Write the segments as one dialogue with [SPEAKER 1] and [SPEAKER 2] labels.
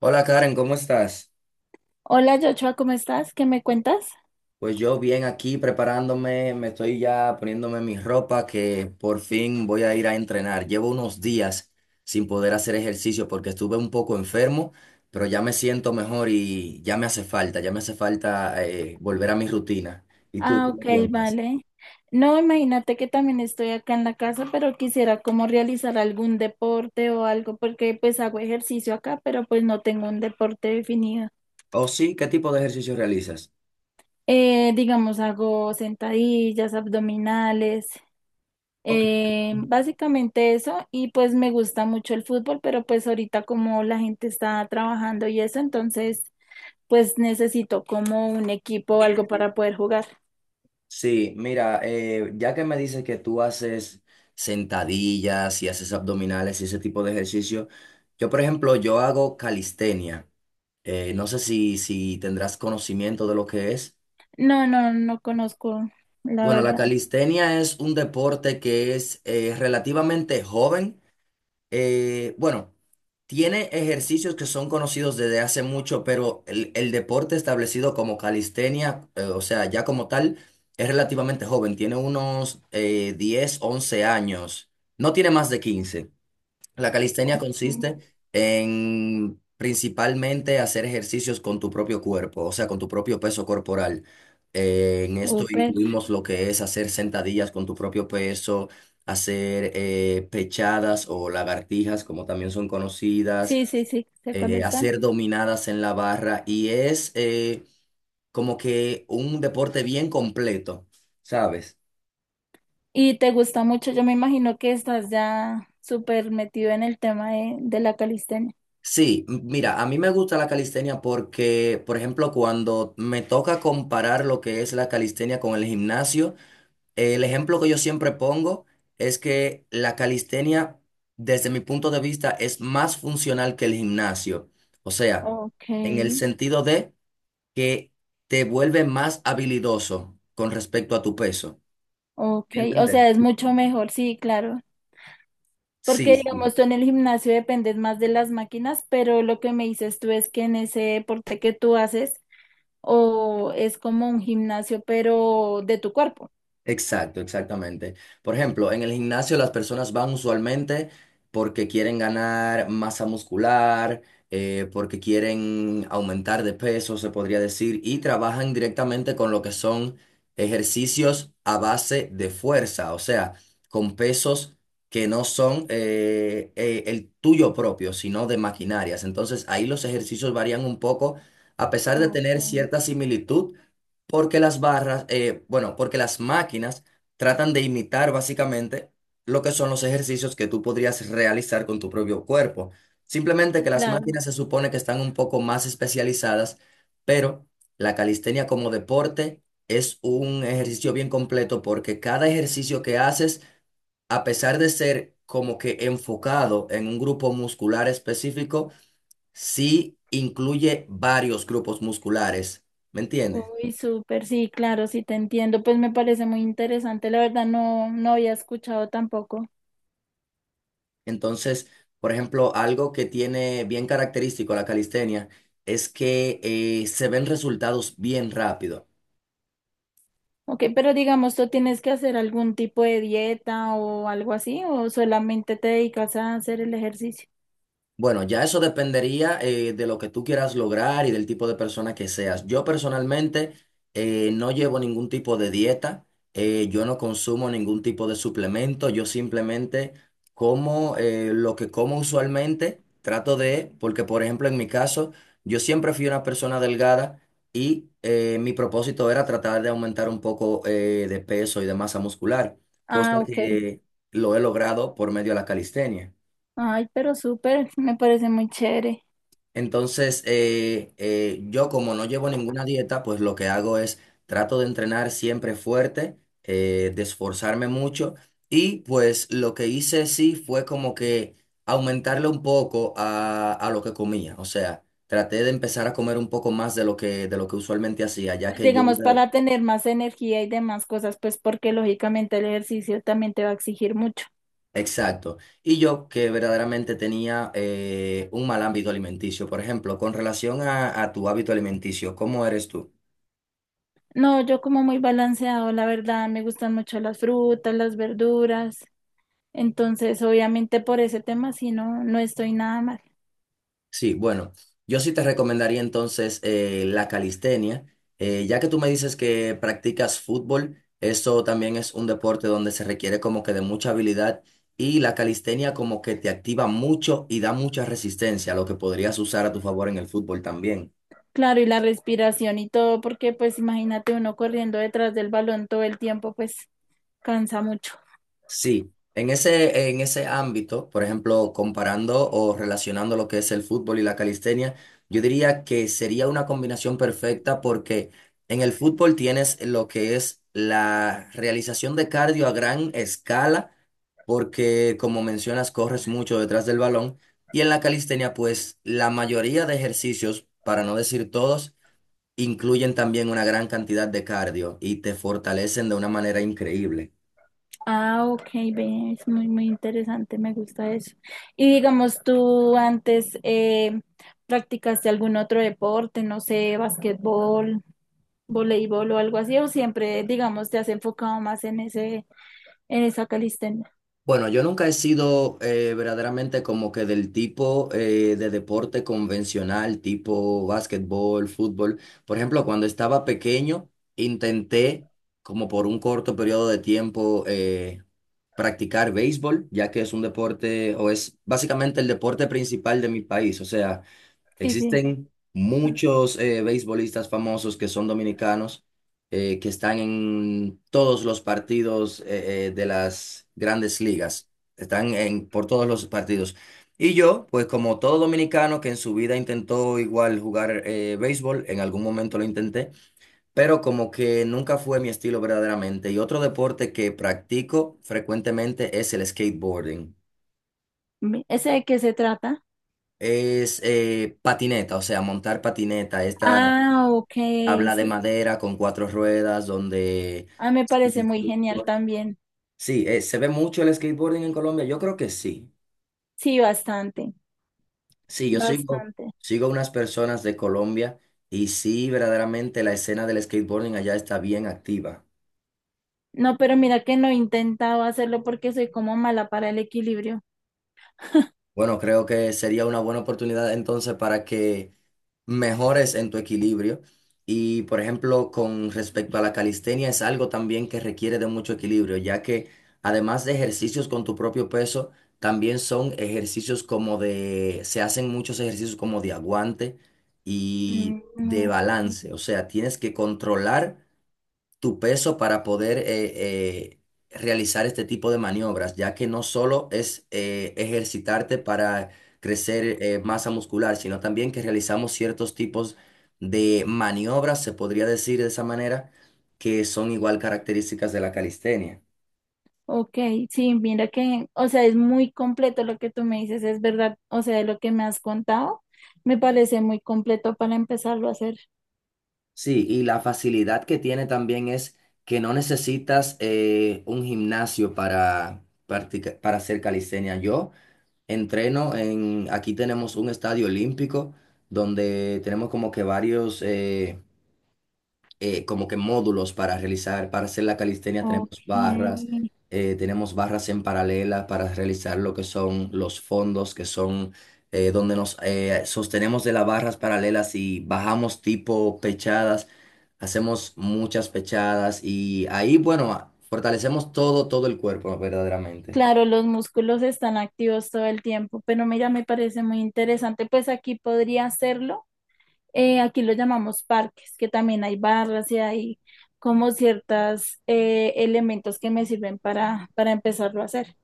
[SPEAKER 1] Hola Karen, ¿cómo estás?
[SPEAKER 2] Hola, Joshua, ¿cómo estás? ¿Qué me cuentas?
[SPEAKER 1] Pues yo bien aquí preparándome, me estoy ya poniéndome mi ropa que por fin voy a ir a entrenar. Llevo unos días sin poder hacer ejercicio porque estuve un poco enfermo, pero ya me siento mejor y ya me hace falta, ya me hace falta volver a mi rutina. ¿Y tú
[SPEAKER 2] Ah,
[SPEAKER 1] qué me
[SPEAKER 2] ok,
[SPEAKER 1] cuentas?
[SPEAKER 2] vale. No, imagínate que también estoy acá en la casa, pero quisiera como realizar algún deporte o algo, porque pues hago ejercicio acá, pero pues no tengo un deporte definido.
[SPEAKER 1] ¿O sí? ¿Qué tipo de ejercicio realizas?
[SPEAKER 2] Digamos, hago sentadillas, abdominales,
[SPEAKER 1] Ok.
[SPEAKER 2] básicamente eso, y pues me gusta mucho el fútbol, pero pues ahorita como la gente está trabajando y eso, entonces pues necesito como un equipo o algo para poder jugar.
[SPEAKER 1] Sí, mira, ya que me dices que tú haces sentadillas y haces abdominales y ese tipo de ejercicio, yo por ejemplo, yo hago calistenia. No sé si tendrás conocimiento de lo que es.
[SPEAKER 2] No, no conozco, la
[SPEAKER 1] Bueno, la
[SPEAKER 2] verdad.
[SPEAKER 1] calistenia es un deporte que es relativamente joven. Bueno, tiene ejercicios que son conocidos desde hace mucho, pero el deporte establecido como calistenia, o sea, ya como tal, es relativamente joven. Tiene unos 10, 11 años. No tiene más de 15. La calistenia
[SPEAKER 2] Ok,
[SPEAKER 1] consiste en principalmente hacer ejercicios con tu propio cuerpo, o sea, con tu propio peso corporal. En esto
[SPEAKER 2] súper.
[SPEAKER 1] incluimos lo que es hacer sentadillas con tu propio peso, hacer pechadas o lagartijas, como también son conocidas,
[SPEAKER 2] Sí, sí, sí, sé cuáles son.
[SPEAKER 1] hacer dominadas en la barra y es como que un deporte bien completo, ¿sabes?
[SPEAKER 2] Y te gusta mucho, yo me imagino que estás ya súper metido en el tema de la calistenia.
[SPEAKER 1] Sí, mira, a mí me gusta la calistenia porque, por ejemplo, cuando me toca comparar lo que es la calistenia con el gimnasio, el ejemplo que yo siempre pongo es que la calistenia, desde mi punto de vista, es más funcional que el gimnasio. O sea,
[SPEAKER 2] Ok,
[SPEAKER 1] en el sentido de que te vuelve más habilidoso con respecto a tu peso.
[SPEAKER 2] ok.
[SPEAKER 1] ¿Me
[SPEAKER 2] O
[SPEAKER 1] entiendes?
[SPEAKER 2] sea, es mucho mejor, sí, claro.
[SPEAKER 1] Sí,
[SPEAKER 2] Porque,
[SPEAKER 1] sí.
[SPEAKER 2] digamos, tú en el gimnasio dependes más de las máquinas, pero lo que me dices tú es que en ese deporte que tú haces, o es como un gimnasio, pero de tu cuerpo.
[SPEAKER 1] Exacto, exactamente. Por ejemplo, en el gimnasio las personas van usualmente porque quieren ganar masa muscular, porque quieren aumentar de peso, se podría decir, y trabajan directamente con lo que son ejercicios a base de fuerza, o sea, con pesos que no son el tuyo propio, sino de maquinarias. Entonces ahí los ejercicios varían un poco, a pesar de
[SPEAKER 2] Ok,
[SPEAKER 1] tener cierta similitud. Porque las barras, porque las máquinas tratan de imitar básicamente lo que son los ejercicios que tú podrías realizar con tu propio cuerpo. Simplemente
[SPEAKER 2] sí,
[SPEAKER 1] que las
[SPEAKER 2] claro.
[SPEAKER 1] máquinas se supone que están un poco más especializadas, pero la calistenia como deporte es un ejercicio bien completo porque cada ejercicio que haces, a pesar de ser como que enfocado en un grupo muscular específico, sí incluye varios grupos musculares. ¿Me entiendes?
[SPEAKER 2] Uy, súper, sí, claro, sí te entiendo. Pues me parece muy interesante. La verdad no, había escuchado tampoco.
[SPEAKER 1] Entonces, por ejemplo, algo que tiene bien característico la calistenia es que se ven resultados bien rápido.
[SPEAKER 2] Ok, pero digamos, ¿tú tienes que hacer algún tipo de dieta o algo así? ¿O solamente te dedicas a hacer el ejercicio?
[SPEAKER 1] Bueno, ya eso dependería de lo que tú quieras lograr y del tipo de persona que seas. Yo personalmente no llevo ningún tipo de dieta, yo no consumo ningún tipo de suplemento, yo simplemente como lo que como usualmente, trato de, porque por ejemplo en mi caso, yo siempre fui una persona delgada y mi propósito era tratar de aumentar un poco de peso y de masa muscular, cosa
[SPEAKER 2] Ah, ok.
[SPEAKER 1] que lo he logrado por medio de la calistenia.
[SPEAKER 2] Ay, pero súper, me parece muy chévere.
[SPEAKER 1] Entonces, yo como no llevo ninguna dieta, pues lo que hago es trato de entrenar siempre fuerte, de esforzarme mucho y pues lo que hice sí fue como que aumentarle un poco a lo que comía. O sea, traté de empezar a comer un poco más de lo que usualmente hacía, ya
[SPEAKER 2] Pues
[SPEAKER 1] que yo...
[SPEAKER 2] digamos, para tener más energía y demás cosas, pues porque lógicamente el ejercicio también te va a exigir mucho.
[SPEAKER 1] Exacto. Y yo que verdaderamente tenía un mal hábito alimenticio. Por ejemplo, con relación a tu hábito alimenticio, ¿cómo eres tú?
[SPEAKER 2] No, yo como muy balanceado, la verdad, me gustan mucho las frutas, las verduras. Entonces, obviamente por ese tema sí no, estoy nada mal.
[SPEAKER 1] Sí, bueno, yo sí te recomendaría entonces la calistenia. Ya que tú me dices que practicas fútbol, eso también es un deporte donde se requiere como que de mucha habilidad y la calistenia como que te activa mucho y da mucha resistencia, lo que podrías usar a tu favor en el fútbol también.
[SPEAKER 2] Claro, y la respiración y todo, porque pues imagínate uno corriendo detrás del balón todo el tiempo, pues cansa mucho.
[SPEAKER 1] Sí, en ese ámbito, por ejemplo, comparando o relacionando lo que es el fútbol y la calistenia, yo diría que sería una combinación perfecta porque en el fútbol tienes lo que es la realización de cardio a gran escala, porque como mencionas, corres mucho detrás del balón, y en la calistenia, pues la mayoría de ejercicios, para no decir todos, incluyen también una gran cantidad de cardio y te fortalecen de una manera increíble.
[SPEAKER 2] Ah, ok, ve, es muy, muy interesante, me gusta eso. Y digamos, tú antes practicaste algún otro deporte, no sé, basquetbol, voleibol o algo así, o siempre, digamos, te has enfocado más en ese, en esa calistenia.
[SPEAKER 1] Bueno, yo nunca he sido verdaderamente como que del tipo de deporte convencional, tipo básquetbol, fútbol. Por ejemplo, cuando estaba pequeño, intenté como por un corto periodo de tiempo practicar béisbol, ya que es un deporte o es básicamente el deporte principal de mi país. O sea,
[SPEAKER 2] Sí, sí.
[SPEAKER 1] existen muchos beisbolistas famosos que son dominicanos, que están en todos los partidos de las grandes ligas, están en, por todos los partidos. Y yo, pues como todo dominicano que en su vida intentó igual jugar béisbol, en algún momento lo intenté, pero como que nunca fue mi estilo verdaderamente. Y otro deporte que practico frecuentemente es el skateboarding.
[SPEAKER 2] ¿Ese de qué se trata?
[SPEAKER 1] Es patineta, o sea, montar patineta, esta
[SPEAKER 2] Ah, ok,
[SPEAKER 1] habla de
[SPEAKER 2] sí.
[SPEAKER 1] madera con cuatro ruedas, donde...
[SPEAKER 2] Ah, me parece muy genial también.
[SPEAKER 1] Sí, se ve mucho el skateboarding en Colombia. Yo creo que sí.
[SPEAKER 2] Sí, bastante,
[SPEAKER 1] Sí,
[SPEAKER 2] bastante.
[SPEAKER 1] sigo unas personas de Colombia y sí, verdaderamente la escena del skateboarding allá está bien activa.
[SPEAKER 2] No, pero mira que no he intentado hacerlo porque soy como mala para el equilibrio.
[SPEAKER 1] Bueno, creo que sería una buena oportunidad entonces para que mejores en tu equilibrio. Y por ejemplo, con respecto a la calistenia, es algo también que requiere de mucho equilibrio, ya que además de ejercicios con tu propio peso, también son ejercicios como de, se hacen muchos ejercicios como de aguante y
[SPEAKER 2] Mm,
[SPEAKER 1] de
[SPEAKER 2] ok,
[SPEAKER 1] balance. O sea, tienes que controlar tu peso para poder realizar este tipo de maniobras, ya que no solo es ejercitarte para crecer masa muscular, sino también que realizamos ciertos tipos de maniobras, se podría decir de esa manera, que son igual características de la calistenia.
[SPEAKER 2] ok, sí, mira que, o sea, es muy completo lo que tú me dices, es verdad, o sea, de lo que me has contado, me parece muy completo para empezarlo a hacer.
[SPEAKER 1] Sí, y la facilidad que tiene también es que no necesitas un gimnasio para, para hacer calistenia. Yo entreno en, aquí tenemos un estadio olímpico donde tenemos como que varios, como que módulos para realizar, para hacer la calistenia
[SPEAKER 2] Ok,
[SPEAKER 1] tenemos barras en paralela para realizar lo que son los fondos, que son donde nos sostenemos de las barras paralelas y bajamos tipo pechadas, hacemos muchas pechadas y ahí, bueno, fortalecemos todo, todo el cuerpo verdaderamente.
[SPEAKER 2] claro, los músculos están activos todo el tiempo, pero mira, me parece muy interesante, pues aquí podría hacerlo. Eh, aquí lo llamamos parques, que también hay barras y hay como ciertos elementos que me sirven para empezarlo a hacer.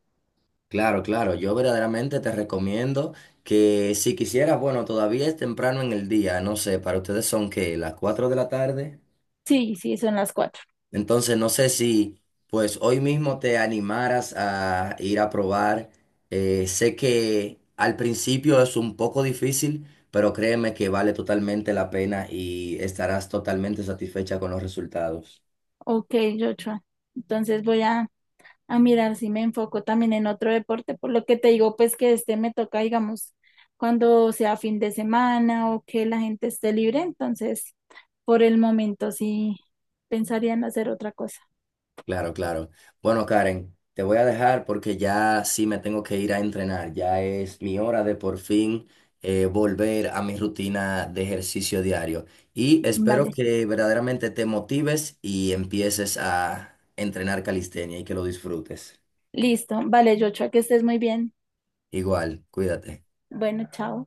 [SPEAKER 1] Claro, claro, yo verdaderamente te recomiendo que si quisieras, bueno, todavía es temprano en el día, no sé, para ustedes son que las 4 de la tarde,
[SPEAKER 2] Sí, sí, son las 4.
[SPEAKER 1] entonces no sé si pues hoy mismo te animaras a ir a probar. Sé que al principio es un poco difícil, pero créeme que vale totalmente la pena y estarás totalmente satisfecha con los resultados.
[SPEAKER 2] Ok, Joshua. Entonces voy a mirar si me enfoco también en otro deporte. Por lo que te digo, pues que este me toca, digamos, cuando sea fin de semana o que la gente esté libre. Entonces, por el momento sí pensaría en hacer otra cosa.
[SPEAKER 1] Claro, claro. Bueno, Karen, te voy a dejar porque ya sí me tengo que ir a entrenar. Ya es mi hora de por fin volver a mi rutina de ejercicio diario. Y espero
[SPEAKER 2] Vale,
[SPEAKER 1] que verdaderamente te motives y empieces a entrenar calistenia y que lo disfrutes.
[SPEAKER 2] listo. Vale, Joshua, que estés muy bien.
[SPEAKER 1] Igual, cuídate.
[SPEAKER 2] Bueno, chao.